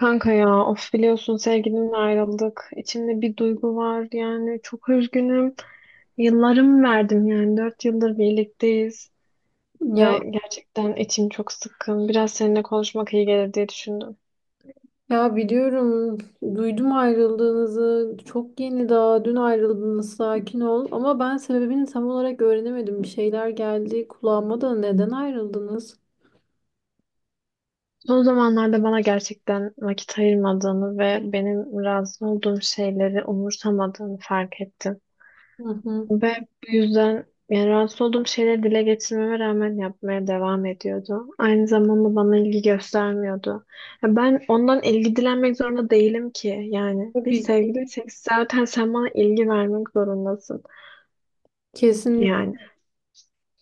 Kanka ya of biliyorsun sevgilimle ayrıldık. İçimde bir duygu var yani çok üzgünüm. Yıllarımı verdim yani 4 yıldır birlikteyiz Ya ve gerçekten içim çok sıkkın. Biraz seninle konuşmak iyi gelir diye düşündüm. ya biliyorum duydum ayrıldığınızı çok yeni, daha dün ayrıldınız, sakin ol ama ben sebebini tam olarak öğrenemedim, bir şeyler geldi kulağıma da, neden ayrıldınız? Son zamanlarda bana gerçekten vakit ayırmadığını ve benim razı olduğum şeyleri umursamadığını fark ettim. Hı hı. Ve bu yüzden yani rahatsız olduğum şeyleri dile getirmeme rağmen yapmaya devam ediyordu. Aynı zamanda bana ilgi göstermiyordu. Ya ben ondan ilgi dilenmek zorunda değilim ki. Yani biz Tabii ki, sevgiliysek zaten sen bana ilgi vermek zorundasın. kesinlikle. Yani.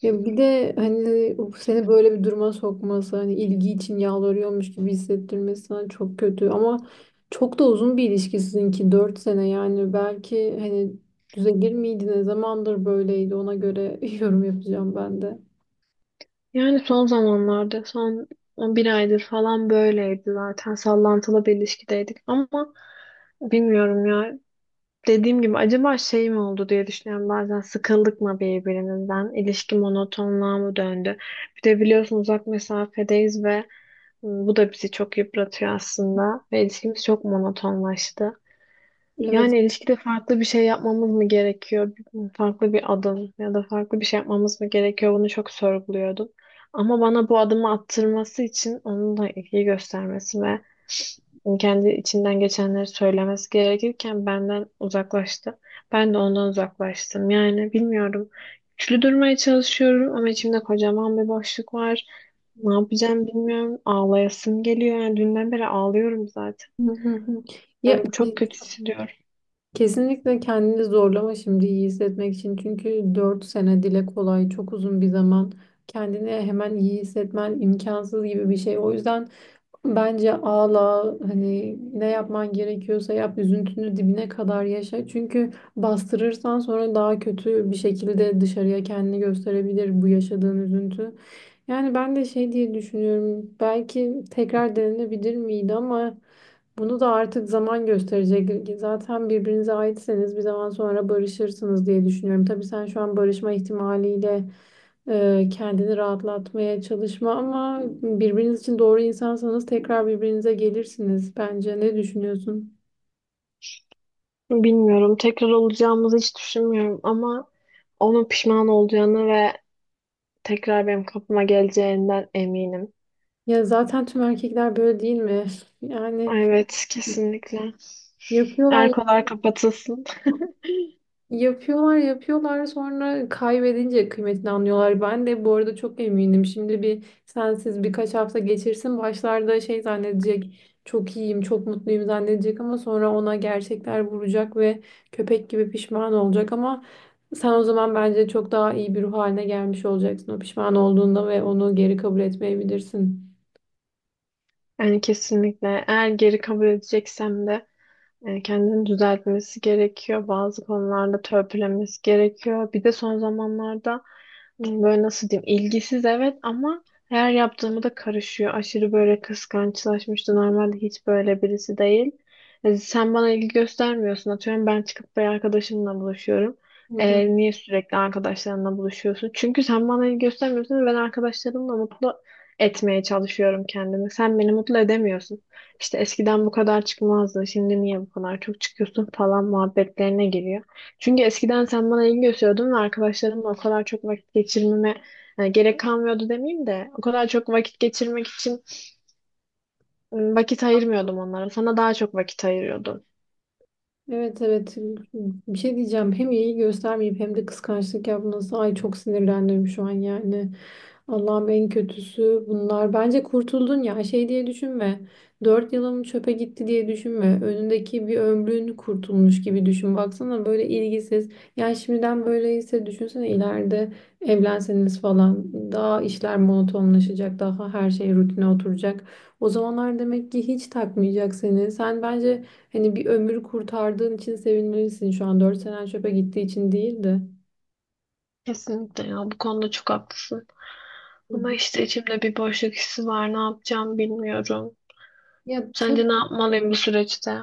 Ya bir de hani seni böyle bir duruma sokması, hani ilgi için yalvarıyormuş gibi hissettirmesi, hani çok kötü ama çok da uzun bir ilişki sizinki, 4 sene yani, belki hani düzelir miydiniz? Ne zamandır böyleydi, ona göre yorum yapacağım ben de. Yani son zamanlarda son 11 aydır falan böyleydi zaten. Sallantılı bir ilişkideydik ama bilmiyorum ya. Dediğim gibi acaba şey mi oldu diye düşünüyorum bazen, sıkıldık mı birbirimizden, ilişki monotonluğa mı döndü, bir de biliyorsun uzak mesafedeyiz ve bu da bizi çok yıpratıyor aslında ve ilişkimiz çok monotonlaştı, Evet. yani ilişkide farklı bir şey yapmamız mı gerekiyor? Farklı bir adım ya da farklı bir şey yapmamız mı gerekiyor? Bunu çok sorguluyordum. Ama bana bu adımı attırması için onun da ilgi göstermesi ve kendi içinden geçenleri söylemesi gerekirken benden uzaklaştı. Ben de ondan uzaklaştım. Yani bilmiyorum. Güçlü durmaya çalışıyorum ama içimde kocaman bir boşluk var. Ne yapacağım bilmiyorum. Ağlayasım geliyor. Yani dünden beri ağlıyorum zaten. Hı hı hı. Ya Diyorum, çok kötü hissediyorum. kesinlikle kendini zorlama şimdi iyi hissetmek için. Çünkü 4 sene dile kolay, çok uzun bir zaman. Kendini hemen iyi hissetmen imkansız gibi bir şey. O yüzden bence ağla, hani ne yapman gerekiyorsa yap, üzüntünü dibine kadar yaşa. Çünkü bastırırsan sonra daha kötü bir şekilde dışarıya kendini gösterebilir bu yaşadığın üzüntü. Yani ben de şey diye düşünüyorum, belki tekrar denenebilir miydi, ama bunu da artık zaman gösterecek. Zaten birbirinize aitseniz bir zaman sonra barışırsınız diye düşünüyorum. Tabii sen şu an barışma ihtimaliyle kendini rahatlatmaya çalışma ama birbiriniz için doğru insansanız tekrar birbirinize gelirsiniz bence. Ne düşünüyorsun? Bilmiyorum. Tekrar olacağımızı hiç düşünmüyorum ama onun pişman olacağını ve tekrar benim kapıma geleceğinden eminim. Ya zaten tüm erkekler böyle değil mi? Yani Evet, kesinlikle. yapıyorlar. Erkolar kapatılsın. Yapıyorlar yapıyorlar, sonra kaybedince kıymetini anlıyorlar. Ben de bu arada çok eminim. Şimdi bir sensiz birkaç hafta geçirsin, başlarda şey zannedecek, çok iyiyim çok mutluyum zannedecek, ama sonra ona gerçekler vuracak ve köpek gibi pişman olacak, ama sen o zaman bence çok daha iyi bir ruh haline gelmiş olacaksın o pişman olduğunda, ve onu geri kabul etmeyebilirsin. Yani kesinlikle. Eğer geri kabul edeceksem de kendini düzeltmesi gerekiyor. Bazı konularda törpülemesi gerekiyor. Bir de son zamanlarda böyle nasıl diyeyim? İlgisiz evet ama her yaptığımı da karışıyor. Aşırı böyle kıskançlaşmıştı. Normalde hiç böyle birisi değil. Sen bana ilgi göstermiyorsun. Atıyorum ben çıkıp bir arkadaşımla buluşuyorum. Niye sürekli arkadaşlarınla buluşuyorsun? Çünkü sen bana ilgi göstermiyorsun ve ben arkadaşlarımla mutlu etmeye çalışıyorum kendimi. Sen beni mutlu edemiyorsun. İşte eskiden bu kadar çıkmazdı. Şimdi niye bu kadar çok çıkıyorsun falan muhabbetlerine giriyor. Çünkü eskiden sen bana ilgi gösteriyordun ve arkadaşlarımla o kadar çok vakit geçirmeme yani gerek kalmıyordu demeyeyim de o kadar çok vakit geçirmek için vakit ayırmıyordum onlara. Sana daha çok vakit ayırıyordum. Evet, evet, bir şey diyeceğim, hem iyi göstermeyip hem de kıskançlık yapması, ay çok sinirlendim şu an yani. Allah'ım, en kötüsü bunlar, bence kurtuldun ya, şey diye düşünme, 4 yılım çöpe gitti diye düşünme, önündeki bir ömrün kurtulmuş gibi düşün. Baksana böyle ilgisiz, yani şimdiden böyleyse düşünsene ileride, evlenseniz falan daha işler monotonlaşacak, daha her şey rutine oturacak, o zamanlar demek ki hiç takmayacak seni sen bence. Hani bir ömür kurtardığın için sevinmelisin, şu an 4 senen çöpe gittiği için değil de. Kesinlikle ya bu konuda çok haklısın. Hı Ama hı. işte içimde bir boşluk hissi var. Ne yapacağım bilmiyorum. Ya tabii. Sence ne yapmalıyım bu süreçte?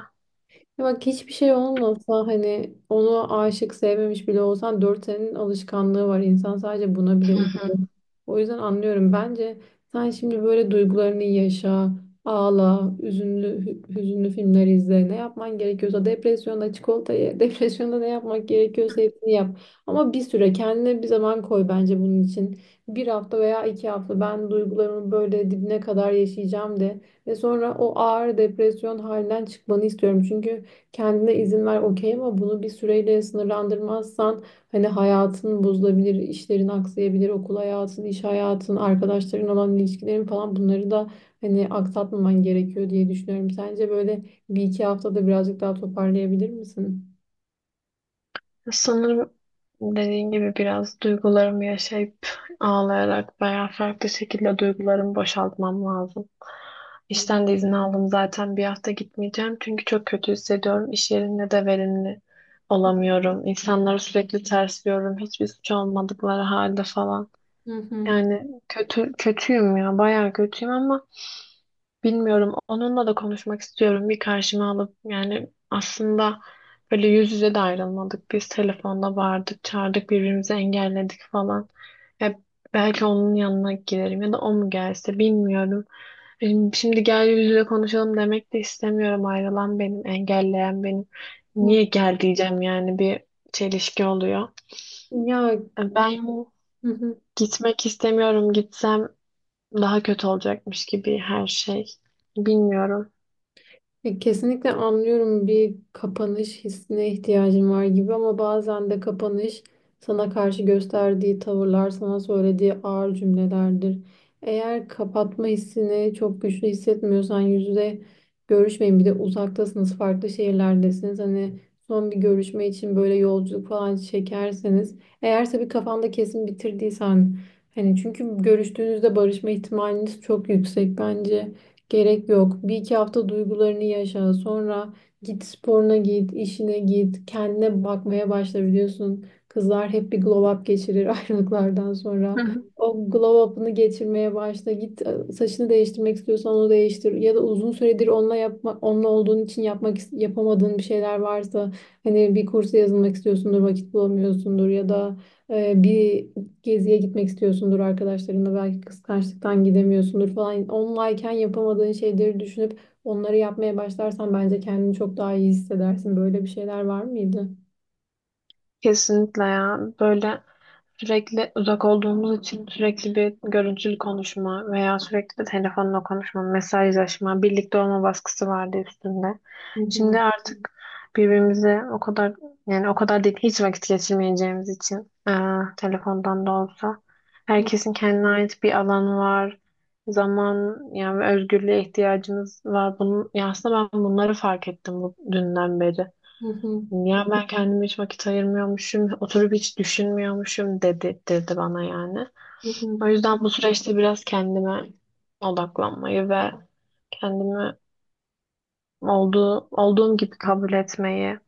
Ya bak, hiçbir şey olmasa hani, onu aşık sevmemiş bile olsan, 4 senenin alışkanlığı var. İnsan sadece buna bile Hı hı. üzülür. O yüzden anlıyorum. Bence sen şimdi böyle duygularını yaşa, ağla, üzünlü, hüzünlü filmler izle. Ne yapman gerekiyorsa, depresyonda çikolata ye, depresyonda ne yapmak gerekiyorsa hepsini yap. Ama bir süre kendine bir zaman koy bence bunun için. Bir hafta veya 2 hafta, ben duygularımı böyle dibine kadar yaşayacağım de. Ve sonra o ağır depresyon halinden çıkmanı istiyorum. Çünkü kendine izin ver okey, ama bunu bir süreyle sınırlandırmazsan hani hayatın bozulabilir, işlerin aksayabilir, okul hayatın, iş hayatın, arkadaşların olan ilişkilerin falan, bunları da hani aksatmaman gerekiyor diye düşünüyorum. Sence böyle bir iki haftada birazcık daha toparlayabilir misin? Sanırım dediğin gibi biraz duygularımı yaşayıp ağlayarak veya farklı şekilde duygularımı boşaltmam lazım. İşten de izin aldım zaten, bir hafta gitmeyeceğim çünkü çok kötü hissediyorum. İş yerinde de verimli olamıyorum. İnsanları sürekli tersliyorum, hiçbir suç olmadıkları halde falan. Hı hı. Yani kötü kötüyüm ya, bayağı kötüyüm ama bilmiyorum. Onunla da konuşmak istiyorum. Bir karşıma alıp, yani aslında böyle yüz yüze de ayrılmadık. Biz telefonda vardık, çağırdık, birbirimizi engelledik falan. Ya belki onun yanına giderim ya da o mu gelse bilmiyorum. Şimdi gel yüz yüze konuşalım demek de istemiyorum. Ayrılan benim, engelleyen benim. Hı. Niye gel diyeceğim yani, bir çelişki oluyor. Ya, Ben hı hı. gitmek istemiyorum. Gitsem daha kötü olacakmış gibi her şey. Bilmiyorum. Kesinlikle anlıyorum, bir kapanış hissine ihtiyacın var gibi, ama bazen de kapanış sana karşı gösterdiği tavırlar, sana söylediği ağır cümlelerdir. Eğer kapatma hissini çok güçlü hissetmiyorsan yüz yüze görüşmeyin. Bir de uzaktasınız, farklı şehirlerdesiniz. Hani son bir görüşme için böyle yolculuk falan çekerseniz, eğerse bir kafanda kesin bitirdiysen, hani çünkü görüştüğünüzde barışma ihtimaliniz çok yüksek bence. Gerek yok. Bir iki hafta duygularını yaşa. Sonra git sporuna git, işine git, kendine bakmaya başla, biliyorsun. Kızlar hep bir glow up geçirir ayrılıklardan sonra. O glow up'ını geçirmeye başla. Git, saçını değiştirmek istiyorsan onu değiştir. Ya da uzun süredir onunla yapma, onunla olduğun için yapmak yapamadığın bir şeyler varsa, hani bir kursa yazılmak istiyorsundur, vakit bulamıyorsundur, ya da bir geziye gitmek istiyorsundur arkadaşlarınla, belki kıskançlıktan gidemiyorsundur falan. Onlayken yapamadığın şeyleri düşünüp onları yapmaya başlarsan bence kendini çok daha iyi hissedersin. Böyle bir şeyler var mıydı? Kesinlikle ya. Böyle sürekli uzak olduğumuz için sürekli bir görüntülü konuşma veya sürekli telefonla konuşma, mesajlaşma, birlikte olma baskısı vardı üstünde. Hı hı. Şimdi artık birbirimize o kadar, yani o kadar değil, hiç vakit geçirmeyeceğimiz için telefondan da olsa herkesin kendine ait bir alanı var. Zaman yani özgürlüğe ihtiyacımız var. Ya aslında ben bunları fark ettim bu dünden beri. Hı hı. Ya ben kendime hiç vakit ayırmıyormuşum, oturup hiç düşünmüyormuşum dedirtti bana yani. Hı hı. O yüzden bu süreçte biraz kendime odaklanmayı ve kendimi olduğum gibi kabul etmeyi,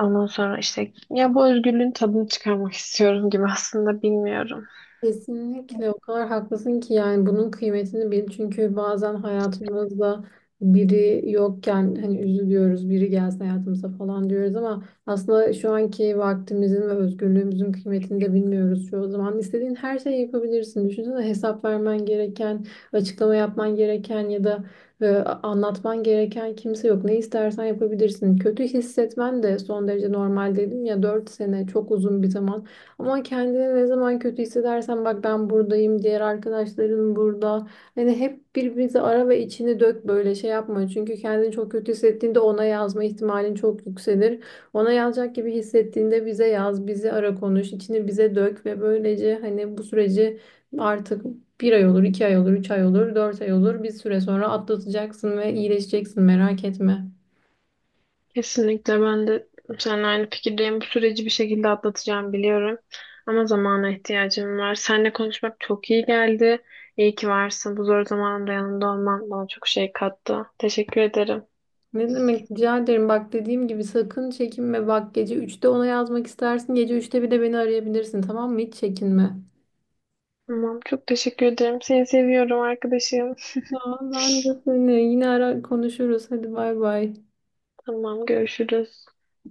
ondan sonra işte ya bu özgürlüğün tadını çıkarmak istiyorum gibi aslında, bilmiyorum. Kesinlikle, o kadar haklısın ki yani, bunun kıymetini bil. Çünkü bazen hayatımızda biri yokken hani üzülüyoruz, biri gelsin hayatımıza falan diyoruz, ama aslında şu anki vaktimizin ve özgürlüğümüzün kıymetini de bilmiyoruz çoğu zaman. İstediğin her şeyi yapabilirsin. Düşünsene, hesap vermen gereken, açıklama yapman gereken ya da e, anlatman gereken kimse yok. Ne istersen yapabilirsin. Kötü hissetmen de son derece normal, dedim ya, 4 sene çok uzun bir zaman. Ama kendini ne zaman kötü hissedersen, bak ben buradayım, diğer arkadaşların burada. Hani hep birbirinizi ara ve içini dök, böyle şey yapma. Çünkü kendini çok kötü hissettiğinde ona yazma ihtimalin çok yükselir. Ona yazacak gibi hissettiğinde bize yaz, bizi ara, konuş, içini bize dök ve böylece hani bu süreci, artık bir ay olur, 2 ay olur, 3 ay olur, 4 ay olur, bir süre sonra atlatacaksın ve iyileşeceksin, merak etme. Kesinlikle ben de seninle aynı fikirdeyim. Bu süreci bir şekilde atlatacağım biliyorum. Ama zamana ihtiyacım var. Seninle konuşmak çok iyi geldi. İyi ki varsın. Bu zor zamanımda yanımda olman bana çok şey kattı. Teşekkür ederim. Ne demek, rica ederim. Bak dediğim gibi, sakın çekinme. Bak, gece 3'te ona yazmak istersin, gece 3'te bir de beni arayabilirsin, tamam mı? Hiç çekinme. Tamam, çok teşekkür ederim. Seni seviyorum arkadaşım. Tamam. Ben de seni, yine ara konuşuruz. Hadi, bay bay. Tamam, görüşürüz.